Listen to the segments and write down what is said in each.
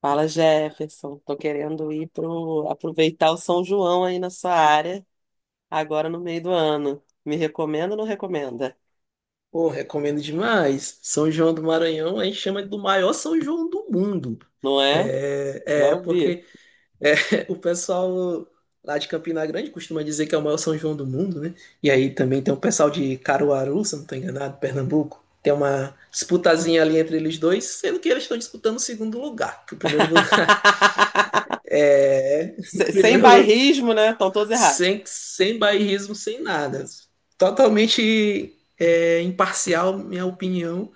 Fala, Jefferson. Tô querendo ir pro aproveitar o São João aí na sua área, agora no meio do ano. Me recomenda ou não recomenda? Pô, recomendo demais. São João do Maranhão, a gente chama do maior São João do mundo. Não é? É, Já é ouvi. porque é, o pessoal lá de Campina Grande costuma dizer que é o maior São João do mundo, né? E aí também tem o pessoal de Caruaru, se eu não estou enganado, Pernambuco. Tem uma disputazinha ali entre eles dois, sendo que eles estão disputando o segundo lugar. Que o primeiro lugar é. o Sem Primeiro, lu- bairrismo, né? Estão todos errados. sem bairrismo, sem nada. Totalmente imparcial, minha opinião.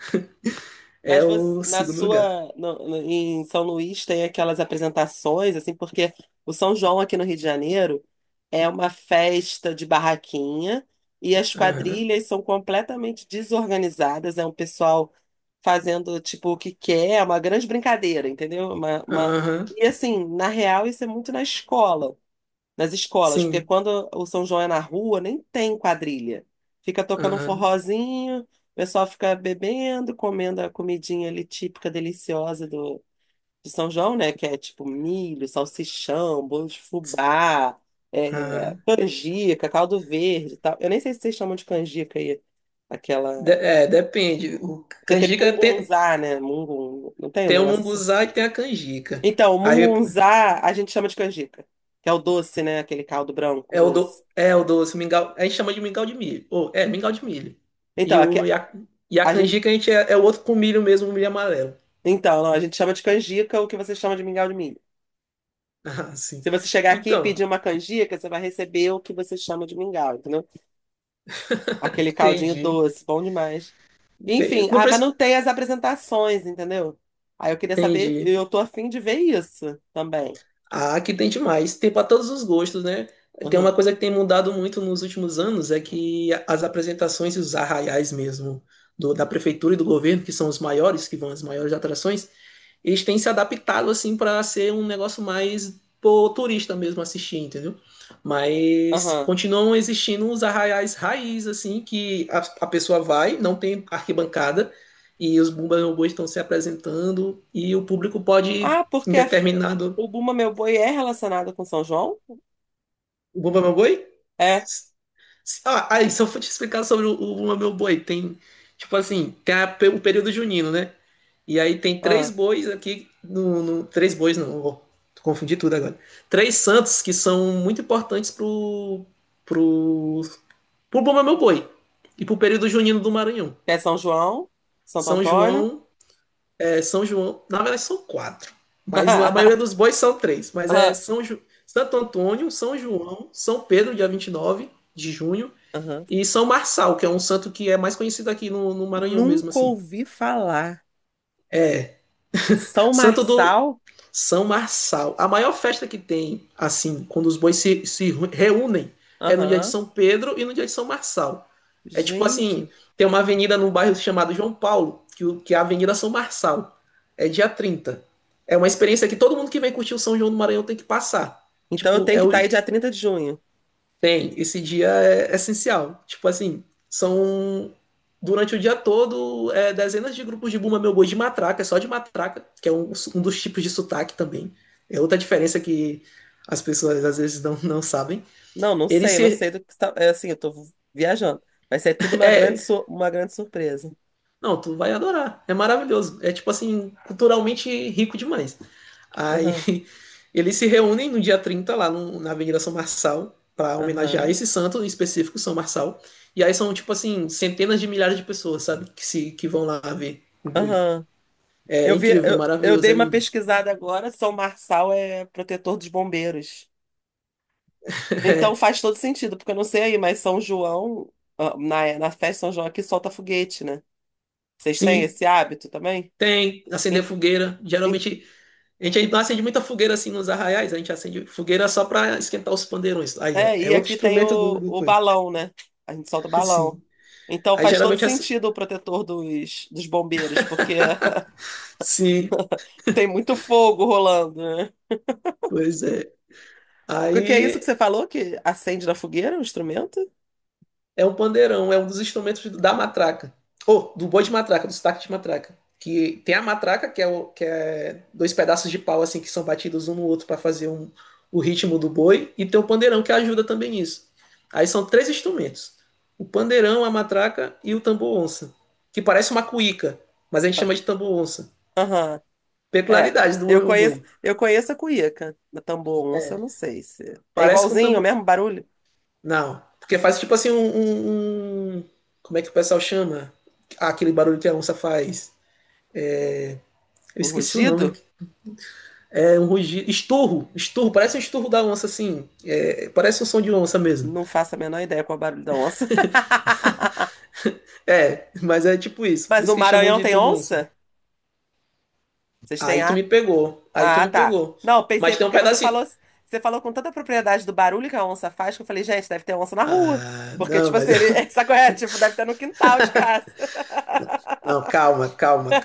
É Mas você, o na segundo lugar. sua, no- no- em São Luís tem aquelas apresentações, assim, porque o São João aqui no Rio de Janeiro é uma festa de barraquinha e as Aham, quadrilhas são completamente desorganizadas, é um pessoal fazendo, tipo, o que quer, é uma grande brincadeira, entendeu? Aham, E, assim, na real, isso é muito na escola nas escolas, porque sim, quando o São João é na rua, nem tem quadrilha. Fica tocando um aham, forrozinho, o pessoal fica bebendo, comendo a comidinha ali típica, deliciosa de São João, né? Que é tipo milho, salsichão, bolo de fubá, aham. canjica, caldo verde e tal. Eu nem sei se vocês chamam de canjica aí, aquela... É, depende. O Porque tem canjica tem mungunzá, né? Mungun... Não tem um tem o negócio assim? munguzá e tem a canjica. Então, o Aí mungunzá a gente chama de canjica, que é o doce, né? Aquele caldo branco é o, doce. do, é o doce, mingau. A gente chama de mingau de milho. Ou, mingau de milho. Então, E, aqui, o, e, a, e a a gente, canjica a gente é o outro com milho mesmo, o milho amarelo. então, não, a gente chama de canjica o que você chama de mingau de milho. Ah, sim. Se você chegar aqui e Então, pedir uma canjica, você vai receber o que você chama de mingau, entendeu? Aquele caldinho entendi. doce, bom demais. Entendi. Enfim, Não ah, mas precisa. não tem as apresentações, entendeu? Aí eu queria saber, Entendi. eu tô afim de ver isso também. Ah, que tem demais. Tem para todos os gostos, né? Tem Uhum, uma coisa que tem mudado muito nos últimos anos é que as apresentações e os arraiais mesmo da prefeitura e do governo, que são os maiores, que vão as maiores atrações, eles têm se adaptado assim para ser um negócio mais pro turista mesmo assistir, entendeu? Mas aham. continuam existindo os arraiais raiz assim que a pessoa vai, não tem arquibancada e os bumba-meu-boi estão se apresentando e o público pode Ah, em determinado. o Buma Meu Boi é relacionado com São João? O Bumba Meu Boi? É. Ah, aí, só eu te explicar sobre o Bumba Meu Boi, tem, tipo assim, tem o período junino, né? E aí tem três Ah, bois aqui, três bois não, ó, confundi tudo agora. Três santos que são muito importantes pro, pro Bumba Meu Boi e pro período junino do Maranhão. é São João, Santo São Antônio. João, na verdade são quatro, mas a maioria dos bois são três, mas é Ah, Santo Antônio, São João, São Pedro, dia 29 de junho, aham. e São Marçal, que é um santo que é mais conhecido aqui no Maranhão mesmo, Nunca assim. ouvi falar. É, São santo do Marçal? São Marçal. A maior festa que tem, assim, quando os bois se reúnem, é no dia de Aham. São Pedro e no dia de São Marçal. É tipo assim, Gente. tem uma avenida no bairro chamado João Paulo, que é a Avenida São Marçal. É dia 30. É uma experiência que todo mundo que vem curtir o São João do Maranhão tem que passar. Então eu Tipo, tenho que estar aí dia 30 de junho. Esse dia é essencial. Tipo assim, são durante o dia todo dezenas de grupos de Bumba Meu Boi de matraca, é só de matraca, que é um dos tipos de sotaque também. É outra diferença que as pessoas às vezes não sabem. Não, não Ele sei, não se. sei do que está. É assim, eu tô viajando. Vai ser tudo uma grande, É, uma grande surpresa. não, tu vai adorar. É maravilhoso. É tipo assim, culturalmente rico demais. Aí Aham, eles se reúnem no dia 30 lá na Avenida São Marçal para homenagear aham, esse santo em específico, São Marçal. E aí são, tipo assim, centenas de milhares de pessoas, sabe? Que, se, que vão lá ver o boi. aham. É Eu vi, incrível, é eu maravilhoso, dei é uma lindo. pesquisada agora, São Marçal é protetor dos bombeiros. Então É, faz todo sentido, porque eu não sei aí, mas São João, ah, na festa de São João aqui solta foguete, né? Vocês têm sim, esse hábito também? tem. Acender En- fogueira. en- Geralmente, a gente não acende muita fogueira assim nos arraiais, a gente acende fogueira só para esquentar os pandeirões. Aí, ó, É, é e outro aqui tem instrumento do, do o coisa. balão, né? A gente solta o balão. Sim. Então Aí, faz todo geralmente. Sentido o protetor dos bombeiros, porque Sim, tem muito fogo rolando, né? pois é. O que que é isso que você Aí, falou que acende na fogueira, o instrumento? é um pandeirão, é um dos instrumentos da matraca. Ou do boi de matraca, do sotaque de matraca. Que tem a matraca, que é dois pedaços de pau assim que são batidos um no outro para fazer o ritmo do boi, e tem o pandeirão que ajuda também nisso. Aí são três instrumentos: o pandeirão, a matraca e o tambor onça, que parece uma cuíca, mas a gente Ah, chama de tambor onça. aham. É, Peculiaridade do boi. Eu conheço a cuíca, da tambor onça, eu não sei se. É Parece com igualzinho, o tambor. mesmo barulho? Não, porque faz tipo assim um. Como é que o pessoal chama? Aquele barulho que a onça faz. Eu Um esqueci o nome. rugido? É um rugido. Estorro. Estorro. Parece um estorro da onça, assim. É, parece um som de onça mesmo. Não faço a menor ideia qual é o barulho da onça. É, mas é tipo isso. Por Mas isso o que eles chamam Maranhão de tem tomonça. onça? Vocês têm, Aí tu me pegou. Aí tu ah, me tá. pegou. Não, pensei, Mas tem um porque pedacinho. Você falou com tanta propriedade do barulho que a onça faz, que eu falei, gente, deve ter onça na rua. Ah, Porque, não, tipo mas. assim, ele, sabe qual é? Tipo, deve ter no quintal de casa. Não, calma, calma.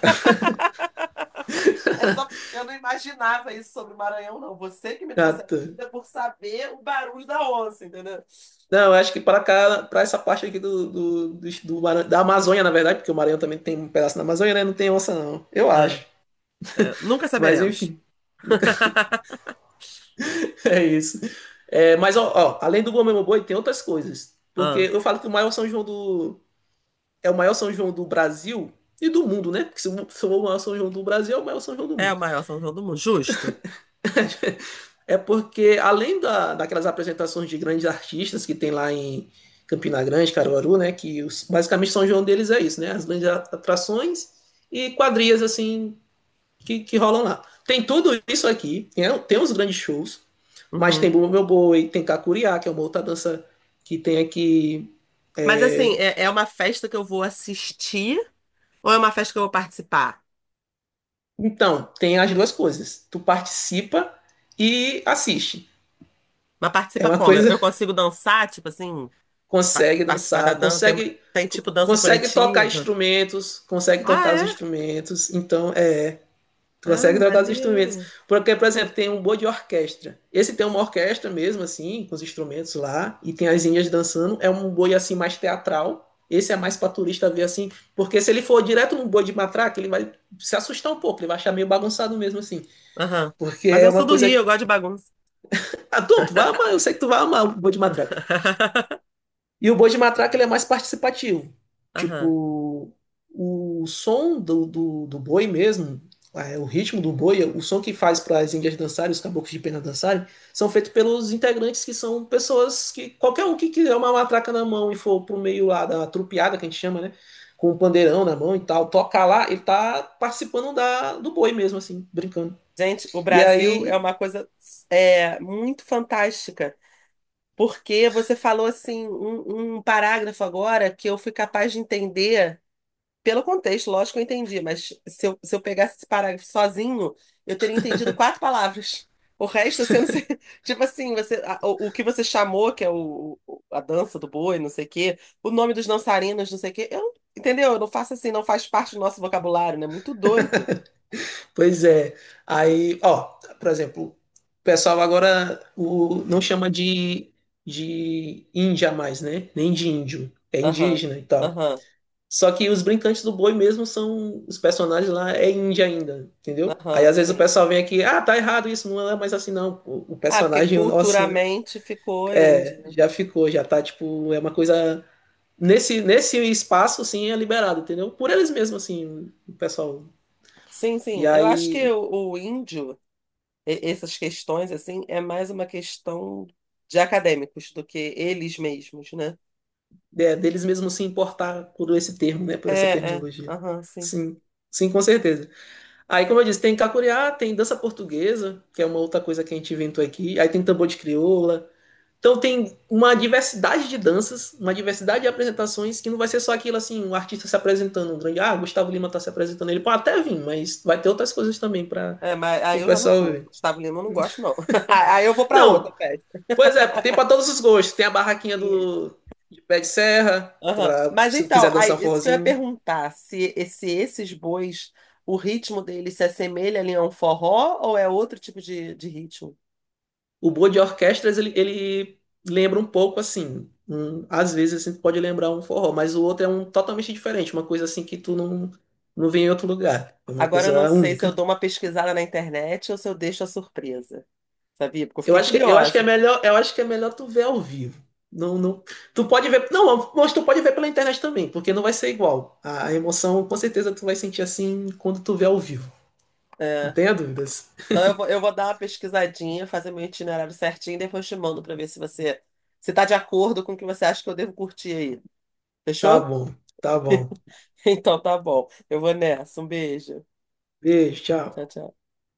É só, eu não imaginava isso sobre o Maranhão, não. Você que me trouxe Calma. a dúvida por saber o barulho da onça, entendeu? Não, eu acho que para cá, para essa parte aqui do da Amazônia, na verdade, porque o Maranhão também tem um pedaço da Amazônia, né? Não tem onça, não. Eu acho. É, é, nunca Mas saberemos. enfim. É isso. É, mas, ó, além do Gomes Boi, tem outras coisas. Porque Ah, eu falo que o maior São João do. É o maior São João do Brasil e do mundo, né? Porque se o maior São João do Brasil, é o maior São João do é a mundo. maior sanção do mundo, justo. É porque, além daquelas apresentações de grandes artistas que tem lá em Campina Grande, Caruaru, né? Que basicamente São João deles é isso, né? As grandes atrações e quadrilhas, assim, que rolam lá. Tem tudo isso aqui, né? Tem os grandes shows. Mas tem Uhum. Bumba Meu Boi, tem Kakuriá, que é uma outra dança que tem aqui. Mas assim, é uma festa que eu vou assistir ou é uma festa que eu vou participar? Então, tem as duas coisas. Tu participa e assiste. Mas É participa uma como? Coisa, Eu consigo dançar, tipo assim, consegue participar da dançar, dança? Consegue Tem tipo dança consegue tocar coletiva? instrumentos, consegue Ah, tocar os é? instrumentos. Então, tu Ah, consegue tocar os instrumentos. maneiro. Porque, por exemplo, tem um boi de orquestra. Esse tem uma orquestra mesmo, assim, com os instrumentos lá, e tem as índias dançando. É um boi, assim, mais teatral. Esse é mais pra turista ver, assim, porque se ele for direto num boi de matraca, ele vai se assustar um pouco, ele vai achar meio bagunçado mesmo, assim. Aham. Porque Mas é eu uma sou do coisa Rio, que... eu gosto de bagunça. Ah, tu vai amar, eu sei que tu vai amar o boi de matraca. E o boi de matraca ele é mais participativo. Aham. Tipo, o som do boi mesmo, o ritmo do boi, o som que faz para as índias dançarem, os caboclos de pena dançarem, são feitos pelos integrantes que são pessoas que qualquer um que quiser uma matraca na mão e for pro meio lá da trupeada que a gente chama, né? Com o pandeirão na mão e tal, tocar lá, ele tá participando do boi mesmo, assim, brincando. Gente, o E Brasil é aí, uma coisa é, muito fantástica. Porque você falou assim um parágrafo agora que eu fui capaz de entender. Pelo contexto, lógico que eu entendi, mas se eu pegasse esse parágrafo sozinho, eu teria entendido quatro palavras. O resto, assim, eu não sei. Tipo assim, você, o que você chamou, que é a dança do boi, não sei o quê, o nome dos dançarinos, não sei o quê, eu, entendeu? Eu não faço assim, não faz parte do nosso vocabulário, né? Muito doido. pois é. Aí, ó, por exemplo, o pessoal agora não chama de índia mais, né? Nem de índio. É Aham, indígena e tal. aham, Só que os brincantes do boi mesmo são. Os personagens lá é índia ainda, entendeu? Aí aham, às vezes o sim. pessoal vem aqui, ah, tá errado isso, não é mais assim não. O Ah, porque personagem o nosso culturalmente ficou índio, né? já ficou, já tá tipo. É uma coisa. Nesse espaço, assim, é liberado, entendeu? Por eles mesmos, assim, o pessoal. Sim, E sim. Eu acho que aí o índio. E- essas questões, assim, é mais uma questão de acadêmicos do que eles mesmos, né? Deles mesmos se importar por esse termo, né, por essa É, é, terminologia. aham, sim. Sim, sim, com certeza. Aí, como eu disse, tem cacuriá, tem dança portuguesa, que é uma outra coisa que a gente inventou aqui. Aí tem tambor de crioula. Então tem uma diversidade de danças, uma diversidade de apresentações, que não vai ser só aquilo assim, um artista se apresentando, um grande, ah, Gustavo Lima tá se apresentando, ele pode até vir, mas vai ter outras coisas também para É, mas aí o eu já não pessoal curto. ver. Gustavo Lima eu não gosto, não. Aí eu vou para outra Não, festa. pois é, tem para todos os gostos. Tem a barraquinha Sim. do de pé de serra, Aham. pra, Mas se então, quiser aí, dançar um isso que eu ia forrozinho. perguntar, se esses bois, o ritmo deles se assemelha ali a um forró ou é outro tipo de ritmo? O boa de orquestras, ele lembra um pouco assim. Às vezes assim, tu pode lembrar um forró, mas o outro é um totalmente diferente, uma coisa assim que tu não vê em outro lugar. É uma Agora eu não coisa sei se eu única. dou uma pesquisada na internet ou se eu deixo a surpresa, sabia? Porque eu Eu fiquei acho que, eu acho que é curiosa. melhor, eu acho que é melhor tu ver ao vivo. Não, não, tu pode ver, não, mas tu pode ver pela internet também, porque não vai ser igual. A emoção, com certeza, tu vai sentir assim quando tu vê ao vivo. Não É. tenha dúvidas. Então eu vou dar uma pesquisadinha, fazer meu itinerário certinho e depois te mando para ver se você se tá de acordo com o que você acha que eu devo curtir aí. Tá Fechou? bom, tá bom. Então tá bom. Eu vou nessa. Um beijo. Beijo, Tchau, tchau. tchau.